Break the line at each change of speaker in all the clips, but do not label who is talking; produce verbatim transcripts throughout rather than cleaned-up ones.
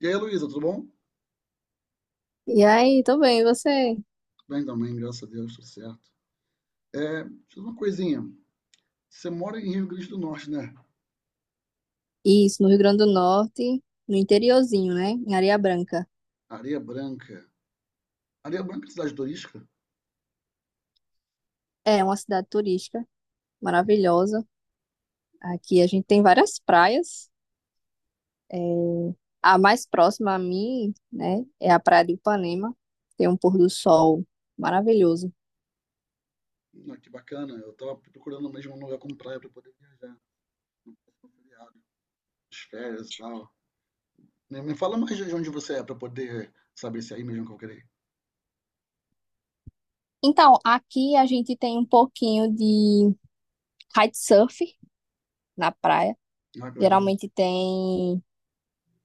E aí, Luísa, tudo bom? Tudo
E aí, tô bem, e você?
bem também, graças a Deus, tudo certo. É, deixa eu uma coisinha. Você mora em Rio Grande do Norte, né?
Isso, no Rio Grande do Norte, no interiorzinho, né? Em Areia Branca.
Areia Branca. Areia Branca é cidade turística?
É uma cidade turística maravilhosa. Aqui a gente tem várias praias. É, a mais próxima a mim, né, é a Praia de Ipanema. Tem um pôr do sol maravilhoso.
Hum, Ah, que bacana. Eu tava procurando mesmo um lugar com praia para poder viajar, no feriado, nas férias e tal. Me, me fala mais de onde você é para poder saber se é aí mesmo que eu queria.
Então, aqui a gente tem um pouquinho de kitesurf na praia.
Ah, que legal.
Geralmente tem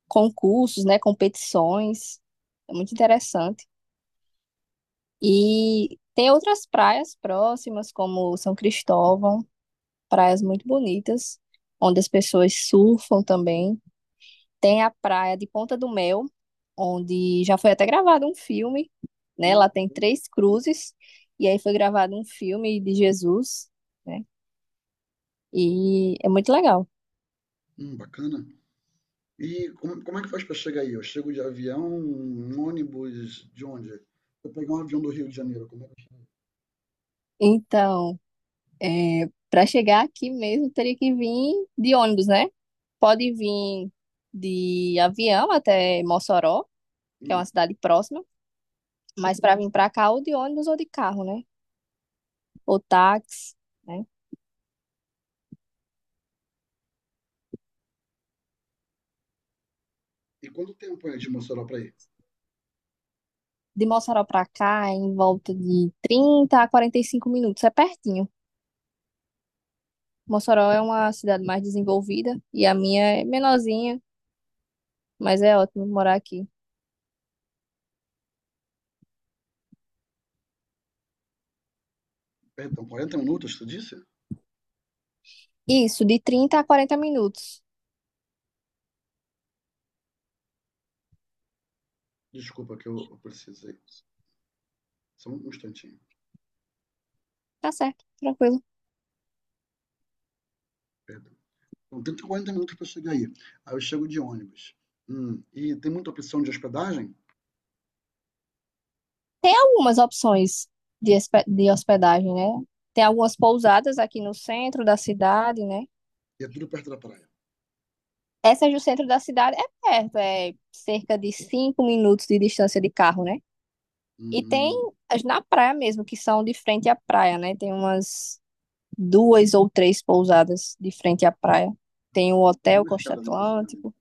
concursos, né, competições. É muito interessante. E tem outras praias próximas, como São Cristóvão, praias muito bonitas, onde as pessoas surfam também. Tem a praia de Ponta do Mel, onde já foi até gravado um filme, né?
Hum,
Lá tem três cruzes, e aí foi gravado um filme de Jesus, né? E é muito legal.
hum, bacana. E como, como é que faz para chegar aí? Eu chego de avião, um ônibus, de onde? Eu pegar um avião do Rio de Janeiro, como é que eu
Então, é, para chegar aqui mesmo, teria que vir de ônibus, né? Pode vir de avião até Mossoró, que é uma
chego?
cidade próxima. Mas para vir para cá, ou de ônibus ou de carro, né? Ou táxi, né?
E quanto tempo é de Mossoró para ir?
De Mossoró para cá, é em volta de trinta a quarenta e cinco minutos, é pertinho. Mossoró é uma cidade mais desenvolvida e a minha é menorzinha, mas é ótimo morar aqui.
Perdão, quarenta minutos, tu disse?
Isso, de trinta a quarenta minutos.
Desculpa que eu, eu precisei. Só um instantinho,
Tá certo, tranquilo.
perdão. Então, trinta, quarenta minutos para chegar aí. Aí eu chego de ônibus. Hum, e tem muita opção de hospedagem?
Tem algumas opções de, espe- de hospedagem, né? Tem algumas pousadas aqui no centro da cidade, né?
E é tudo perto da praia.
Essa é do centro da cidade, é perto, é cerca de cinco minutos de distância de carro, né?
Hum,
E tem
hum,
as na praia mesmo, que são de frente à praia, né? Tem umas duas ou três pousadas de frente à praia.
hum.
Tem o
Essas vão ser bem
Hotel
mais
Costa
caras, inclusive.
Atlântico.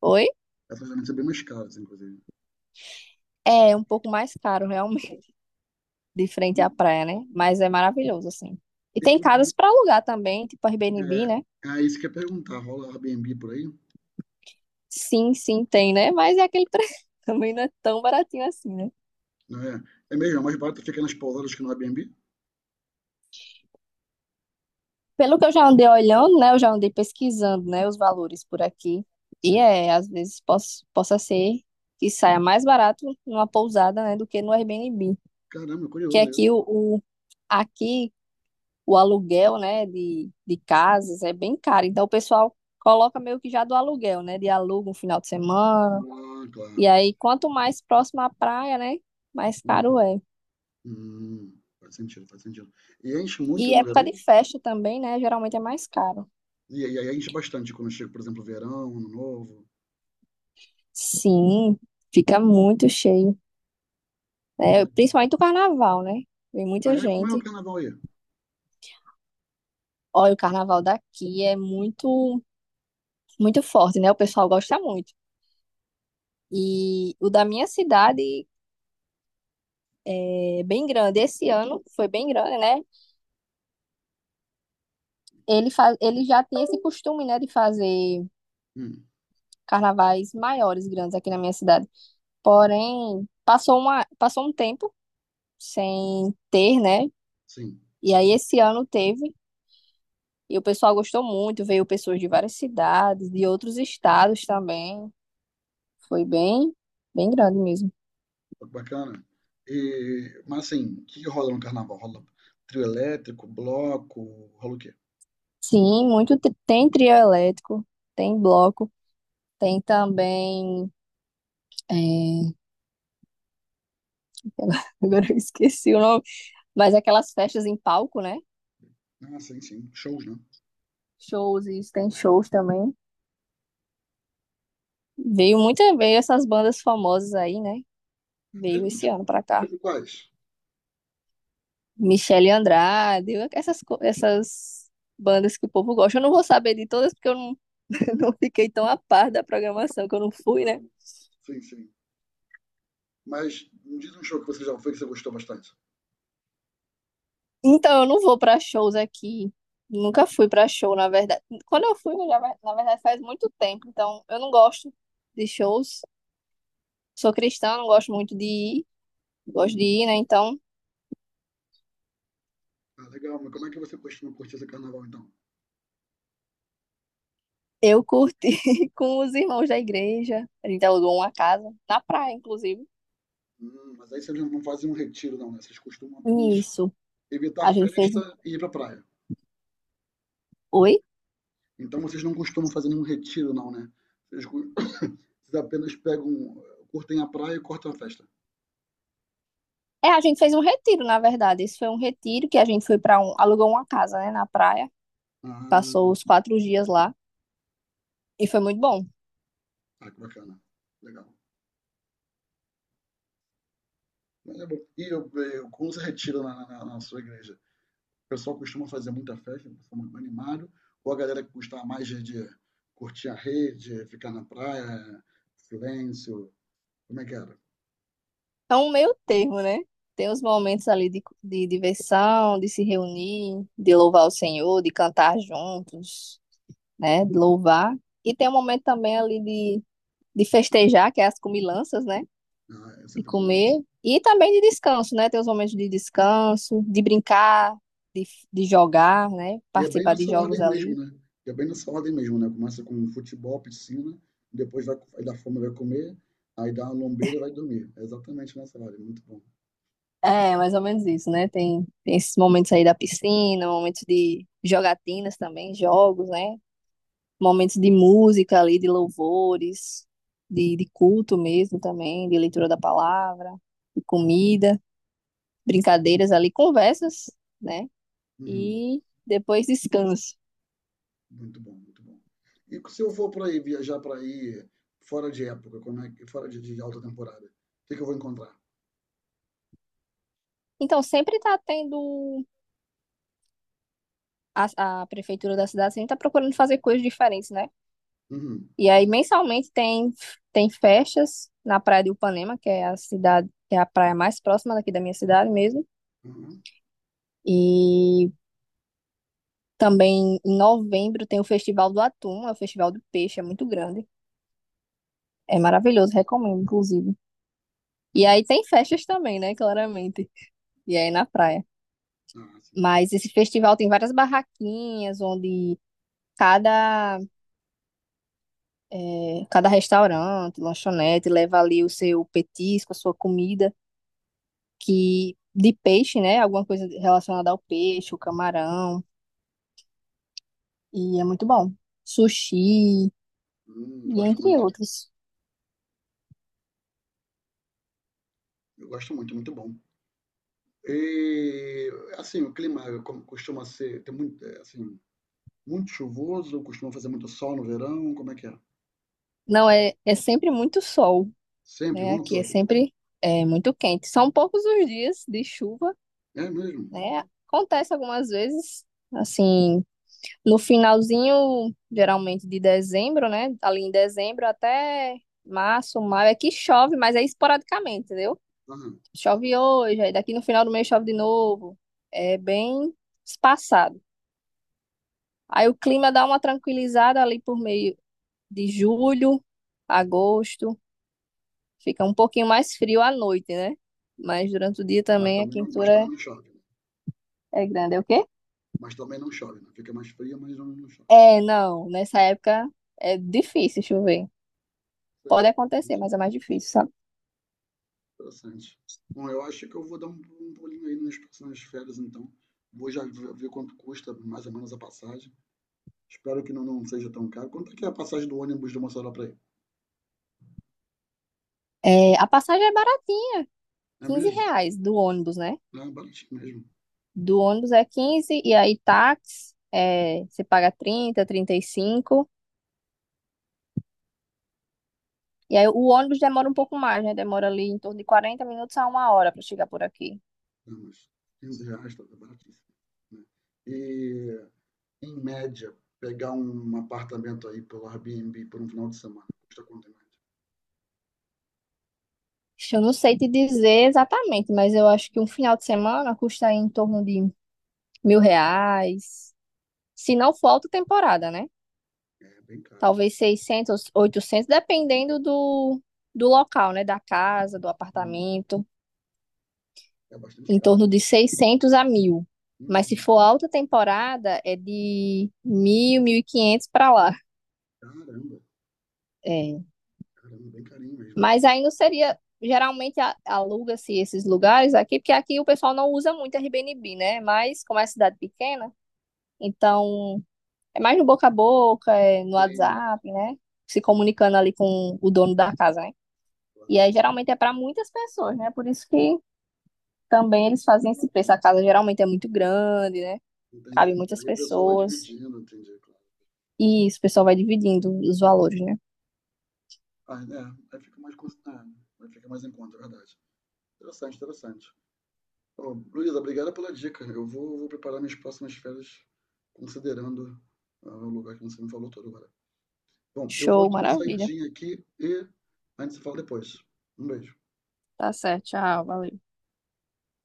Oi?
Essas vão ser bem mais caras, inclusive.
É um pouco mais caro, realmente, de frente
E,
à praia, né? Mas é maravilhoso, assim. E
e
tem
por aí,
casas para alugar também, tipo Airbnb,
é,
né?
ah, isso que eu ia perguntar, rola Airbnb por aí?
Sim, sim, tem, né? Mas é aquele preço. Também não é tão baratinho assim, né?
Não é? É mesmo, é mais barato ficar nas pousadas que no Airbnb?
Pelo que eu já andei olhando, né? Eu já andei pesquisando, né? Os valores por aqui. E
Sim.
é, às vezes poss- possa ser que saia mais barato numa pousada, né? Do que no Airbnb.
Caramba,
Que
curioso isso.
aqui o, o- aqui, o aluguel, né? De, de casas é bem caro. Então o pessoal coloca meio que já do aluguel, né? De aluga um final de semana.
Ah,
E
claro.
aí, quanto mais próximo à praia, né? Mais caro
Uhum.
é.
Hum, faz sentido, faz sentido. E enche muito
E
no
época de
verão?
festa também, né? Geralmente é mais caro.
E aí aí enche bastante quando chega, por exemplo, verão, ano novo.
Sim, fica muito cheio,
Né,
né?
mas-
Principalmente o carnaval, né? Vem
ah,
muita
é? Como é o
gente.
carnaval aí?
Olha, o carnaval daqui é muito, muito forte, né? O pessoal gosta muito. E o da minha cidade é bem grande. Esse ano foi bem grande, né? Ele, faz, ele já tem esse costume, né, de fazer
Hum,
carnavais maiores, grandes aqui na minha cidade. Porém, passou uma, passou um tempo sem ter, né?
sim,
E aí esse ano teve. E o pessoal gostou muito, veio pessoas de várias cidades, de outros estados também. Foi bem, bem grande mesmo.
bacana. E, mas assim, o que que rola no carnaval? Rola trio elétrico, bloco, rola o quê?
Sim, muito tri- tem trio elétrico, tem bloco, tem também. é, Agora eu esqueci o nome, mas aquelas festas em palco, né?
Ah, sim, sim, shows, né?
Shows, isso tem shows também. Veio muita, veio essas bandas famosas aí, né?
É
Veio
mesmo?
esse
Tipo,
ano pra cá.
tipo quais?
Michele Andrade, essas, co- essas bandas que o povo gosta. Eu não vou saber de todas porque eu não, não fiquei tão a par da programação que eu não fui, né?
Ah, sim, sim. Mas me diz um show que você já foi que você gostou bastante.
Então, eu não vou pra shows aqui. Nunca fui pra show, na verdade. Quando eu fui, já vai- na verdade, faz muito tempo. Então, eu não gosto de shows. Sou cristã, não gosto muito de ir. Gosto de ir,
Uhum.
né? Então,
Ah, legal, mas como é que você costuma curtir esse carnaval então?
eu curti com os irmãos da igreja. A gente alugou uma casa, na praia, inclusive.
Hum, mas aí vocês não fazem um retiro, não, né? Vocês costumam apenas
Isso.
evitar a
A gente fez um-
festa e ir pra praia.
Oi?
Então vocês não costumam fazer nenhum retiro, não, né? Vocês, cu- vocês apenas pegam, curtem a praia e cortam a festa.
É, a gente fez um retiro, na verdade. Isso foi um retiro que a gente foi pra um. Alugou uma casa, né, na praia. Passou
Ah,
os quatro dias lá. E foi muito bom.
ah, que bacana. Legal. Mas é bom. E eu, eu, como você retira na, na- na sua igreja? O pessoal costuma fazer muita festa, o pessoal muito animado, ou a galera que costuma mais de, de curtir a rede, ficar na praia, silêncio, como é que era?
É um meio termo, né? Tem os momentos ali de, de diversão, de se reunir, de louvar o Senhor, de cantar juntos, né? De louvar. E tem um momento também ali de, de festejar, que é as comilanças, né?
Ah, é
De
sempre bom, né?
comer. E também de descanso, né? Tem os momentos de descanso, de brincar, de, de jogar, né?
E é bem
Participar de
nessa
jogos
ordem mesmo,
ali.
né? E é bem nessa ordem mesmo, né? Começa com futebol, piscina, depois vai, vai dar fome, vai comer, aí dá uma lombeira e vai dormir. É exatamente nessa ordem, muito bom.
É, mais ou menos isso, né? Tem, tem esses momentos aí da piscina, momentos de jogatinas também, jogos, né? Momentos de música ali, de louvores, de, de culto mesmo também, de leitura da palavra, de comida, brincadeiras ali, conversas, né?
Uhum.
E depois descanso.
Muito bom, muito bom. E se eu for para aí, viajar para aí, fora de época, como é que, fora de, de alta temporada, o que que eu vou encontrar?
Então, sempre tá tendo a, a prefeitura da cidade, sempre tá procurando fazer coisas diferentes, né?
Uhum.
E aí, mensalmente, tem, tem festas na Praia de Upanema, que é a cidade, que é a praia mais próxima daqui da minha cidade mesmo.
Uhum.
E também em novembro tem o Festival do Atum, é o Festival do Peixe, é muito grande. É maravilhoso, recomendo, inclusive. E aí tem festas também, né? Claramente. E aí na praia.
Ah, sim.
Mas esse festival tem várias barraquinhas onde cada, eh, cada restaurante, lanchonete leva ali o seu petisco, a sua comida, que de peixe, né? Alguma coisa relacionada ao peixe, o camarão. E é muito bom. Sushi,
Hum,
e
gosto
entre
muito.
outros.
Eu gosto muito, muito bom. E, assim, o clima é como costuma ser, tem muito, é, assim, muito chuvoso, costuma fazer muito sol no verão, como é que é?
Não, é, é sempre muito sol.
Sempre,
Né?
o ano
Aqui é
todo.
sempre é, muito quente. São poucos os dias de chuva,
É mesmo?
né? Acontece algumas vezes, assim, no finalzinho, geralmente de dezembro, né? Ali em dezembro até março, maio, é que chove, mas é esporadicamente, entendeu?
Aham.
Chove hoje, aí daqui no final do mês chove de novo. É bem espaçado. Aí o clima dá uma tranquilizada ali por meio de julho, agosto. Fica um pouquinho mais frio à noite, né? Mas durante o dia
Mas
também a
também não, mas
quentura
também não chove, né?
é grande. É o quê?
Mas também não chove, né? Fica mais fria, mas não, não chove.
É, não. Nessa época é difícil chover. Pode
Certo,
acontecer,
interessante.
mas é mais difícil, sabe?
Bom, eu acho que eu vou dar um, um pulinho aí nas próximas férias, então. Vou já ver, ver quanto custa mais ou menos a passagem. Espero que não, não seja tão caro. Quanto é que é a passagem do ônibus de Mossoró para aí?
É, a passagem é baratinha,
É
quinze
mesmo?
reais do ônibus, né?
É baratinho mesmo.
Do ônibus é quinze e aí táxi é, você paga trinta, trinta e cinco. E aí o ônibus demora um pouco mais, né? Demora ali em torno de quarenta minutos a uma hora para chegar por aqui.
É, mas quinze reais, tá baratíssimo, né? E em média, pegar um apartamento aí pelo Airbnb por um final de semana, custa quanto em média?
Eu não sei te dizer exatamente, mas eu acho que um final de semana custa em torno de mil reais. Se não for alta temporada, né?
É bem caro, né?
Talvez seiscentos oitocentos dependendo do, do local, né? Da casa, do
Hum,
apartamento.
é bastante
Em
caro.
torno de seiscentos a mil. Mas se
Uhum.
for alta temporada, é de mil, mil e quinhentos para lá.
Caramba,
É.
caramba, bem carinho mesmo.
Mas ainda seria. Geralmente a- aluga-se esses lugares aqui, porque aqui o pessoal não usa muito Airbnb, né? Mas como é cidade pequena, então é mais no boca a boca, é no
Tem,
WhatsApp, né? Se
sim,
comunicando ali com o dono da casa, né?
claro.
E aí geralmente é para muitas pessoas, né? Por isso que também eles fazem esse
Ah,
preço. A
tem.
casa geralmente é muito grande, né?
Entendi.
Cabe
E
muitas
aí o pessoal vai
pessoas.
dividindo, entendi, claro.
E isso, o pessoal vai dividindo os valores, né?
Ah, é, aí fica mais, cons- ah, aí fica mais em conta, é verdade. Interessante, interessante. Ô, Luísa, obrigado pela dica. Eu vou, vou preparar minhas próximas férias considerando ah, o lugar que você me falou todo agora. Bom, eu vou
Show,
dar uma
maravilha.
saidinha aqui e a gente se fala depois. Um beijo.
Tá certo, tchau, valeu.